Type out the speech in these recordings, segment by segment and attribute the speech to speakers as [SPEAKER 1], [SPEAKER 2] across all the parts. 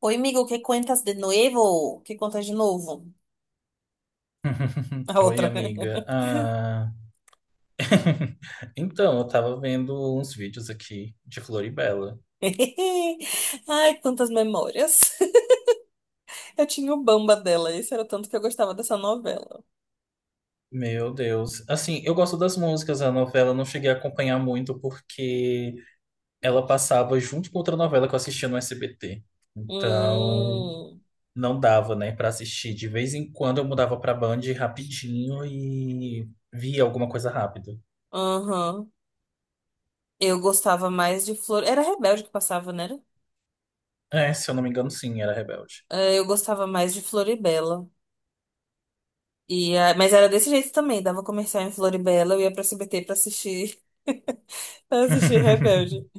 [SPEAKER 1] Oi, amigo, ¿qué cuentas de nuevo? ¿Qué cuentas de novo? A
[SPEAKER 2] Oi,
[SPEAKER 1] outra.
[SPEAKER 2] amiga. Então, eu tava vendo uns vídeos aqui de Floribela.
[SPEAKER 1] Ai, quantas memórias. Eu tinha o Bamba dela, esse era o tanto que eu gostava dessa novela.
[SPEAKER 2] Meu Deus. Assim, eu gosto das músicas da novela, não cheguei a acompanhar muito porque ela passava junto com outra novela que eu assistia no SBT. Então,
[SPEAKER 1] Hum,
[SPEAKER 2] não dava, né, pra assistir. De vez em quando eu mudava pra Band rapidinho e via alguma coisa rápida.
[SPEAKER 1] aham. Eu gostava mais de Flor... Era Rebelde que passava, né?
[SPEAKER 2] É, se eu não me engano, sim, era Rebelde.
[SPEAKER 1] Eu gostava mais de Floribela. Mas era desse jeito também, dava comercial em Floribela, eu ia pra CBT pra assistir, pra assistir Rebelde.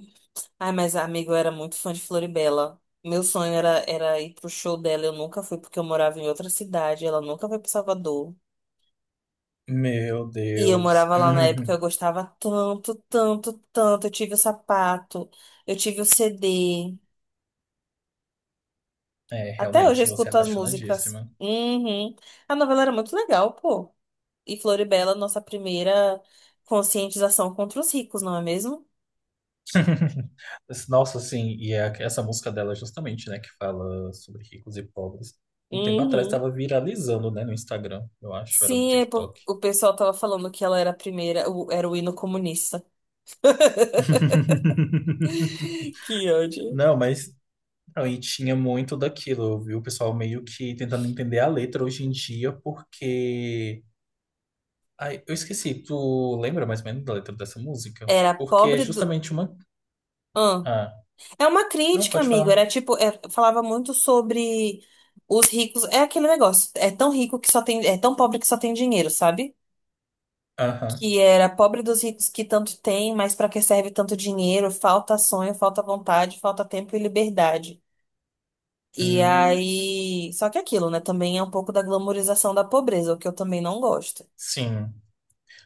[SPEAKER 1] Ai, mas amigo, eu era muito fã de Floribela. Meu sonho era, era ir pro show dela. Eu nunca fui porque eu morava em outra cidade. Ela nunca foi pro Salvador.
[SPEAKER 2] Meu
[SPEAKER 1] E eu
[SPEAKER 2] Deus.
[SPEAKER 1] morava lá na época, eu gostava tanto, tanto, tanto. Eu tive o sapato, eu tive o CD.
[SPEAKER 2] É,
[SPEAKER 1] Até hoje eu
[SPEAKER 2] realmente, você é
[SPEAKER 1] escuto as músicas.
[SPEAKER 2] apaixonadíssima.
[SPEAKER 1] Uhum. A novela era muito legal, pô. E Floribela, nossa primeira conscientização contra os ricos, não é mesmo?
[SPEAKER 2] Mas, nossa, assim, essa música dela é justamente, né, que fala sobre ricos e pobres. Um tempo atrás
[SPEAKER 1] Uhum.
[SPEAKER 2] estava viralizando, né, no Instagram, eu acho, era do
[SPEAKER 1] Sim, é por...
[SPEAKER 2] TikTok.
[SPEAKER 1] o pessoal tava falando que ela era a primeira, era o hino comunista. Que ódio.
[SPEAKER 2] Não, mas aí tinha muito daquilo, viu? O pessoal meio que tentando entender a letra hoje em dia, porque. Ai, eu esqueci, tu lembra mais ou menos da letra dessa música?
[SPEAKER 1] Era
[SPEAKER 2] Porque é
[SPEAKER 1] pobre do.
[SPEAKER 2] justamente uma.
[SPEAKER 1] Ahn.
[SPEAKER 2] Ah,
[SPEAKER 1] É uma
[SPEAKER 2] não,
[SPEAKER 1] crítica,
[SPEAKER 2] pode
[SPEAKER 1] amigo.
[SPEAKER 2] falar.
[SPEAKER 1] Era tipo, falava muito sobre os ricos. É aquele negócio. É tão rico que só tem. É tão pobre que só tem dinheiro, sabe?
[SPEAKER 2] Aham.
[SPEAKER 1] Que era pobre dos ricos que tanto tem, mas pra que serve tanto dinheiro? Falta sonho, falta vontade, falta tempo e liberdade. E
[SPEAKER 2] Hum,
[SPEAKER 1] aí. Só que é aquilo, né? Também é um pouco da glamorização da pobreza, o que eu também não gosto.
[SPEAKER 2] sim.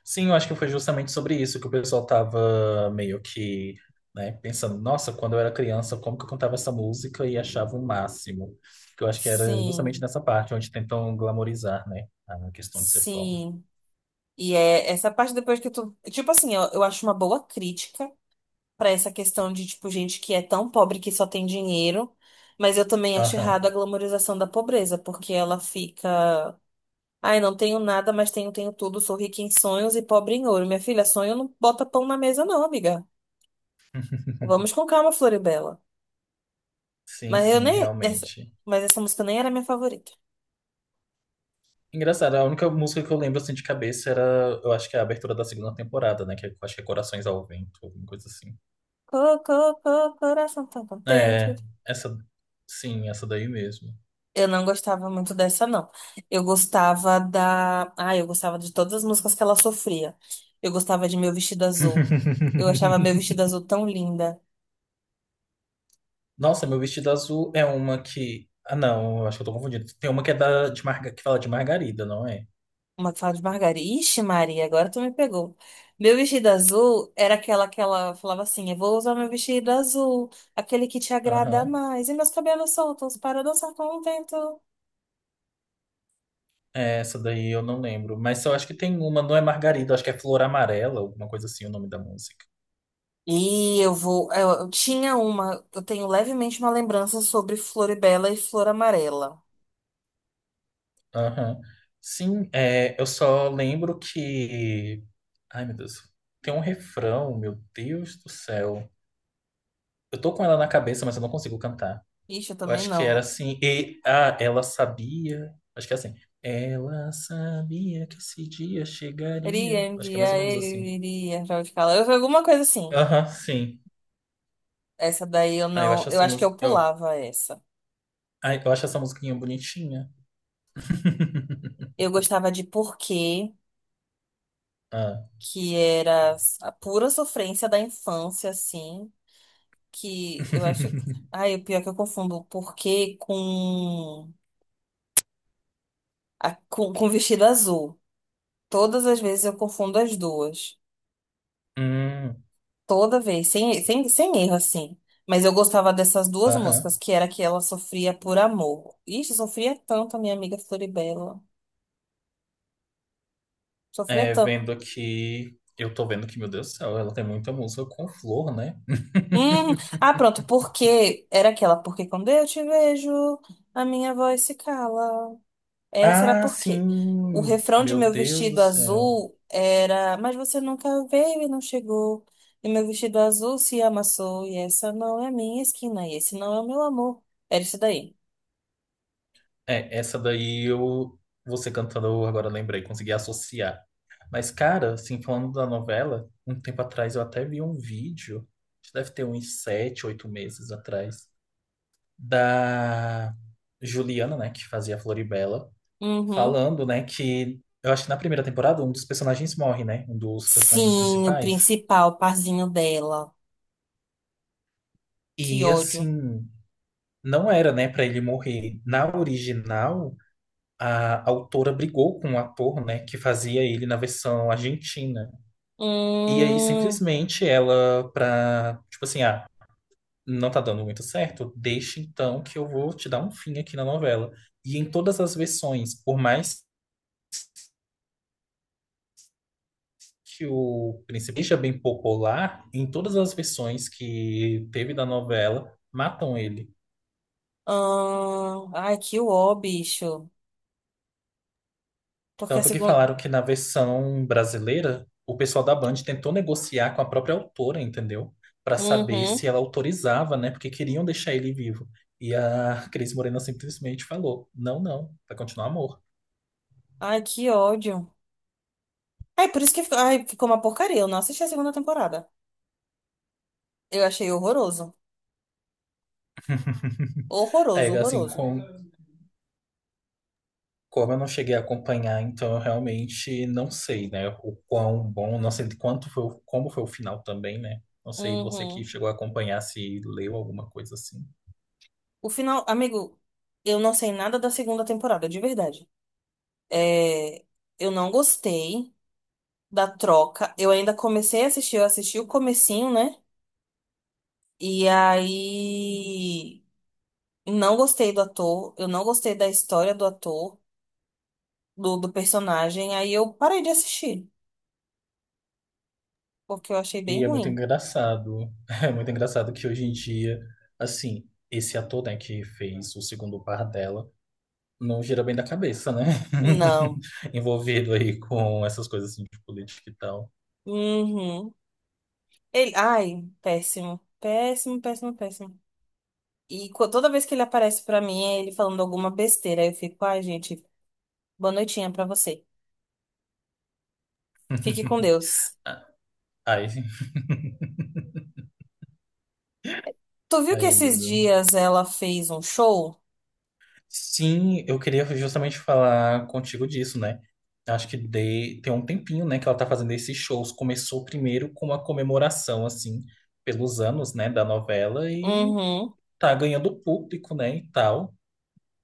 [SPEAKER 2] Sim, eu acho que foi justamente sobre isso que o pessoal tava meio que, né, pensando, nossa, quando eu era criança, como que eu cantava essa música e achava o máximo? Que eu acho que era justamente
[SPEAKER 1] Sim,
[SPEAKER 2] nessa parte onde tentam glamorizar, né, a questão de ser pobre.
[SPEAKER 1] sim. E é essa parte depois que tu. Tipo assim, eu acho uma boa crítica pra essa questão de, tipo, gente que é tão pobre que só tem dinheiro. Mas eu também acho
[SPEAKER 2] Aham.
[SPEAKER 1] errado a glamorização da pobreza, porque ela fica. Ai, não tenho nada, mas tenho, tenho tudo. Sou rica em sonhos e pobre em ouro. Minha filha, sonho não bota pão na mesa, não, amiga. Vamos com calma, Floribela.
[SPEAKER 2] Sim,
[SPEAKER 1] Mas eu
[SPEAKER 2] sim,
[SPEAKER 1] nem. Essa...
[SPEAKER 2] realmente.
[SPEAKER 1] Mas essa música nem era minha favorita.
[SPEAKER 2] Engraçado, a única música que eu lembro assim de cabeça era, eu acho que é a abertura da segunda temporada, né, que é, eu acho que é Corações ao Vento, alguma coisa assim.
[SPEAKER 1] Cocô, coração tão contente.
[SPEAKER 2] É, essa, sim, essa daí mesmo.
[SPEAKER 1] Eu não gostava muito dessa, não. Eu gostava da. Ah, eu gostava de todas as músicas que ela sofria. Eu gostava de Meu Vestido Azul. Eu achava Meu Vestido Azul tão linda.
[SPEAKER 2] Nossa, meu vestido azul é uma que. Ah, não, eu acho que eu tô confundindo. Tem uma que é de marga... que fala de margarida, não é?
[SPEAKER 1] Uma que fala de Margarida. Ixi, Maria, agora tu me pegou. Meu Vestido Azul era aquela que ela falava assim: eu vou usar meu vestido azul, aquele que te agrada
[SPEAKER 2] Aham.
[SPEAKER 1] mais. E meus cabelos soltos para dançar com o vento.
[SPEAKER 2] É, essa daí eu não lembro. Mas eu acho que tem uma, não é margarida, acho que é flor amarela, alguma coisa assim, o nome da música.
[SPEAKER 1] E eu vou. Eu tinha uma. Eu tenho levemente uma lembrança sobre Floribela e Flor Amarela.
[SPEAKER 2] Aham. Sim, é, eu só lembro que. Ai, meu Deus. Tem um refrão, meu Deus do céu. Eu tô com ela na cabeça, mas eu não consigo cantar.
[SPEAKER 1] Ixi, eu
[SPEAKER 2] Eu
[SPEAKER 1] também
[SPEAKER 2] acho que era
[SPEAKER 1] não.
[SPEAKER 2] assim. Ela sabia. Acho que é assim. Ela sabia que esse dia
[SPEAKER 1] Iria,
[SPEAKER 2] chegaria. Acho que é mais
[SPEAKER 1] iria,
[SPEAKER 2] ou menos assim.
[SPEAKER 1] ele iria, Radical. Eu vi alguma coisa assim.
[SPEAKER 2] Aham, sim.
[SPEAKER 1] Essa daí eu
[SPEAKER 2] Ah, eu
[SPEAKER 1] não.
[SPEAKER 2] acho
[SPEAKER 1] Eu
[SPEAKER 2] essa
[SPEAKER 1] acho que
[SPEAKER 2] música.
[SPEAKER 1] eu pulava essa.
[SPEAKER 2] Eu acho essa musiquinha bonitinha.
[SPEAKER 1] Eu gostava de Porquê,
[SPEAKER 2] Ah.
[SPEAKER 1] que era a pura sofrência da infância, assim. Que eu acho. Ai, o pior é que eu confundo Porquê com, com vestido azul. Todas as vezes eu confundo as duas.
[SPEAKER 2] Hum,
[SPEAKER 1] Toda vez, sem erro, assim. Mas eu gostava dessas duas
[SPEAKER 2] aham.
[SPEAKER 1] músicas, que era que ela sofria por amor. Ixi, sofria tanto a minha amiga Floribela. Sofria
[SPEAKER 2] É,
[SPEAKER 1] tanto.
[SPEAKER 2] vendo que. Eu tô vendo que, meu Deus do céu, ela tem muita música com flor, né?
[SPEAKER 1] Hum. Ah, pronto, porque era aquela, porque quando eu te vejo, a minha voz se cala. Essa era
[SPEAKER 2] Ah,
[SPEAKER 1] porque o
[SPEAKER 2] sim!
[SPEAKER 1] refrão de
[SPEAKER 2] Meu
[SPEAKER 1] meu
[SPEAKER 2] Deus do
[SPEAKER 1] vestido
[SPEAKER 2] céu.
[SPEAKER 1] azul era, mas você nunca veio e não chegou. E meu vestido azul se amassou, e essa não é a minha esquina, e esse não é o meu amor. Era isso daí.
[SPEAKER 2] É, essa daí você cantando, eu agora lembrei, consegui associar. Mas, cara, assim, falando da novela, um tempo atrás eu até vi um vídeo, acho que deve ter uns sete, oito meses atrás, da Juliana, né, que fazia a Floribela,
[SPEAKER 1] Uhum.
[SPEAKER 2] falando, né, que eu acho que na primeira temporada um dos personagens morre, né, um dos personagens
[SPEAKER 1] Sim, o
[SPEAKER 2] principais.
[SPEAKER 1] principal parzinho dela. Que
[SPEAKER 2] E,
[SPEAKER 1] ódio.
[SPEAKER 2] assim, não era, né, pra ele morrer. Na original. A autora brigou com o ator, né, que fazia ele na versão argentina. E aí
[SPEAKER 1] Hum,
[SPEAKER 2] simplesmente ela pra, tipo assim, ah, não tá dando muito certo, deixa então que eu vou te dar um fim aqui na novela. E em todas as versões, por mais que o príncipe seja bem popular, em todas as versões que teve da novela, matam ele.
[SPEAKER 1] Ai, que ó, bicho. Porque a
[SPEAKER 2] Tanto que
[SPEAKER 1] segunda.
[SPEAKER 2] falaram que na versão brasileira, o pessoal da Band tentou negociar com a própria autora, entendeu? Pra saber se
[SPEAKER 1] Uhum.
[SPEAKER 2] ela autorizava, né? Porque queriam deixar ele vivo. E a Cris Morena simplesmente falou: não, não, vai continuar amor.
[SPEAKER 1] Ai, que ódio. Ai, por isso que ficou uma porcaria. Eu não assisti a segunda temporada. Eu achei horroroso. Horroroso,
[SPEAKER 2] É, assim,
[SPEAKER 1] horroroso.
[SPEAKER 2] como eu não cheguei a acompanhar, então eu realmente não sei, né? O quão bom, não sei de quanto foi, o- como foi o final também, né? Não sei, você que
[SPEAKER 1] Uhum.
[SPEAKER 2] chegou a acompanhar, se leu alguma coisa assim.
[SPEAKER 1] O final, amigo, eu não sei nada da segunda temporada, de verdade. É, eu não gostei da troca. Eu ainda comecei a assistir, eu assisti o comecinho, né? E aí não gostei do ator, eu não gostei da história do ator, do personagem. Aí eu parei de assistir, porque eu achei bem
[SPEAKER 2] E é muito
[SPEAKER 1] ruim.
[SPEAKER 2] engraçado. É muito engraçado que hoje em dia, assim, esse ator, né, que fez o segundo par dela, não gira bem da cabeça, né?
[SPEAKER 1] Não.
[SPEAKER 2] Envolvido aí com essas coisas assim de política e tal.
[SPEAKER 1] Uhum. Ele, ai, péssimo. Péssimo, péssimo, péssimo. Toda vez que ele aparece pra mim, é ele falando alguma besteira. Aí eu fico, ai, gente, boa noitinha pra você. Fique com Deus.
[SPEAKER 2] Ai,
[SPEAKER 1] Tu viu que
[SPEAKER 2] ai,
[SPEAKER 1] esses
[SPEAKER 2] amigo.
[SPEAKER 1] dias ela fez um show?
[SPEAKER 2] Sim, eu queria justamente falar contigo disso, né? Acho que de, tem um tempinho, né, que ela tá fazendo esses shows. Começou primeiro com uma comemoração, assim, pelos anos, né, da novela e
[SPEAKER 1] Uhum.
[SPEAKER 2] tá ganhando público, né, e tal.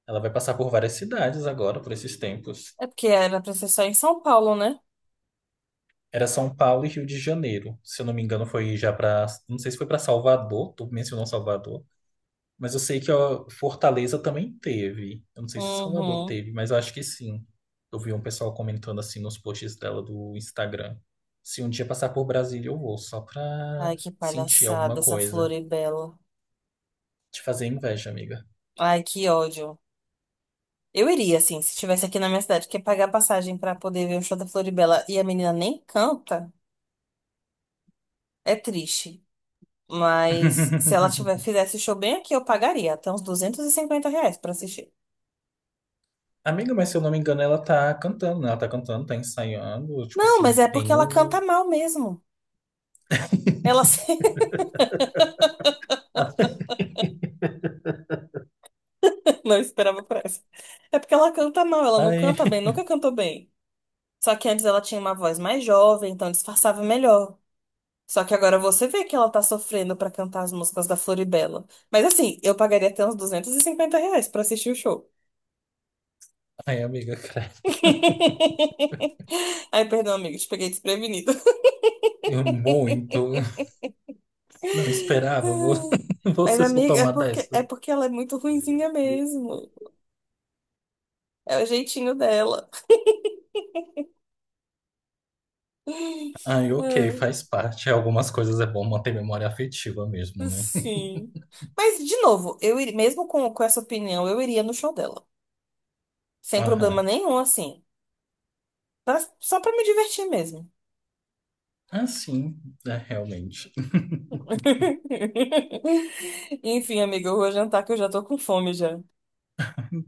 [SPEAKER 2] Ela vai passar por várias cidades agora, por esses tempos.
[SPEAKER 1] É porque era pra ser só em São Paulo, né?
[SPEAKER 2] Era São Paulo e Rio de Janeiro. Se eu não me engano, foi já para. Não sei se foi para Salvador, tu mencionou Salvador. Mas eu sei que ó, Fortaleza também teve. Eu não sei se Salvador
[SPEAKER 1] Uhum.
[SPEAKER 2] teve, mas eu acho que sim. Eu vi um pessoal comentando assim nos posts dela do Instagram. Se um dia passar por Brasília, eu vou, só pra
[SPEAKER 1] Ai, que
[SPEAKER 2] sentir alguma
[SPEAKER 1] palhaçada essa
[SPEAKER 2] coisa.
[SPEAKER 1] Floribela.
[SPEAKER 2] Te fazer inveja, amiga.
[SPEAKER 1] Ai, que ódio. Eu iria, assim, se estivesse aqui na minha cidade, porque pagar passagem pra poder ver o show da Floribela e a menina nem canta, é triste. Mas se ela tiver, fizesse show bem aqui, eu pagaria até uns R$ 250 pra assistir.
[SPEAKER 2] Amiga, mas se eu não me engano, ela tá cantando, né? Ela tá cantando, tá ensaiando. Tipo
[SPEAKER 1] Não,
[SPEAKER 2] assim,
[SPEAKER 1] mas é porque
[SPEAKER 2] tem
[SPEAKER 1] ela canta
[SPEAKER 2] um,
[SPEAKER 1] mal mesmo. Ela não esperava por essa. É porque ela canta mal, ela não canta
[SPEAKER 2] ai,
[SPEAKER 1] bem, nunca cantou bem. Só que antes ela tinha uma voz mais jovem, então disfarçava melhor. Só que agora você vê que ela tá sofrendo pra cantar as músicas da Floribela. Mas assim, eu pagaria até uns 250 reais pra assistir o show.
[SPEAKER 2] ai, amiga, cara,
[SPEAKER 1] Ai, perdão, amigo, te peguei desprevenido.
[SPEAKER 2] eu muito não esperava
[SPEAKER 1] Mas,
[SPEAKER 2] você soltar
[SPEAKER 1] amiga,
[SPEAKER 2] uma
[SPEAKER 1] é
[SPEAKER 2] dessa.
[SPEAKER 1] porque ela é muito ruinzinha mesmo. É o jeitinho dela.
[SPEAKER 2] Ai, ok,
[SPEAKER 1] Ah,
[SPEAKER 2] faz parte. Algumas coisas é bom manter memória afetiva mesmo, né?
[SPEAKER 1] sim. Mas, de novo, eu iria, mesmo com essa opinião, eu iria no show dela. Sem problema
[SPEAKER 2] Aham.
[SPEAKER 1] nenhum, assim. Só pra me divertir mesmo.
[SPEAKER 2] Ah, sim, é, realmente.
[SPEAKER 1] Enfim, amiga, eu vou jantar que eu já tô com fome já.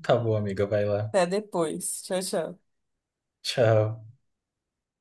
[SPEAKER 2] Tá bom, amiga, vai lá.
[SPEAKER 1] Até depois. Tchau, tchau.
[SPEAKER 2] Tchau.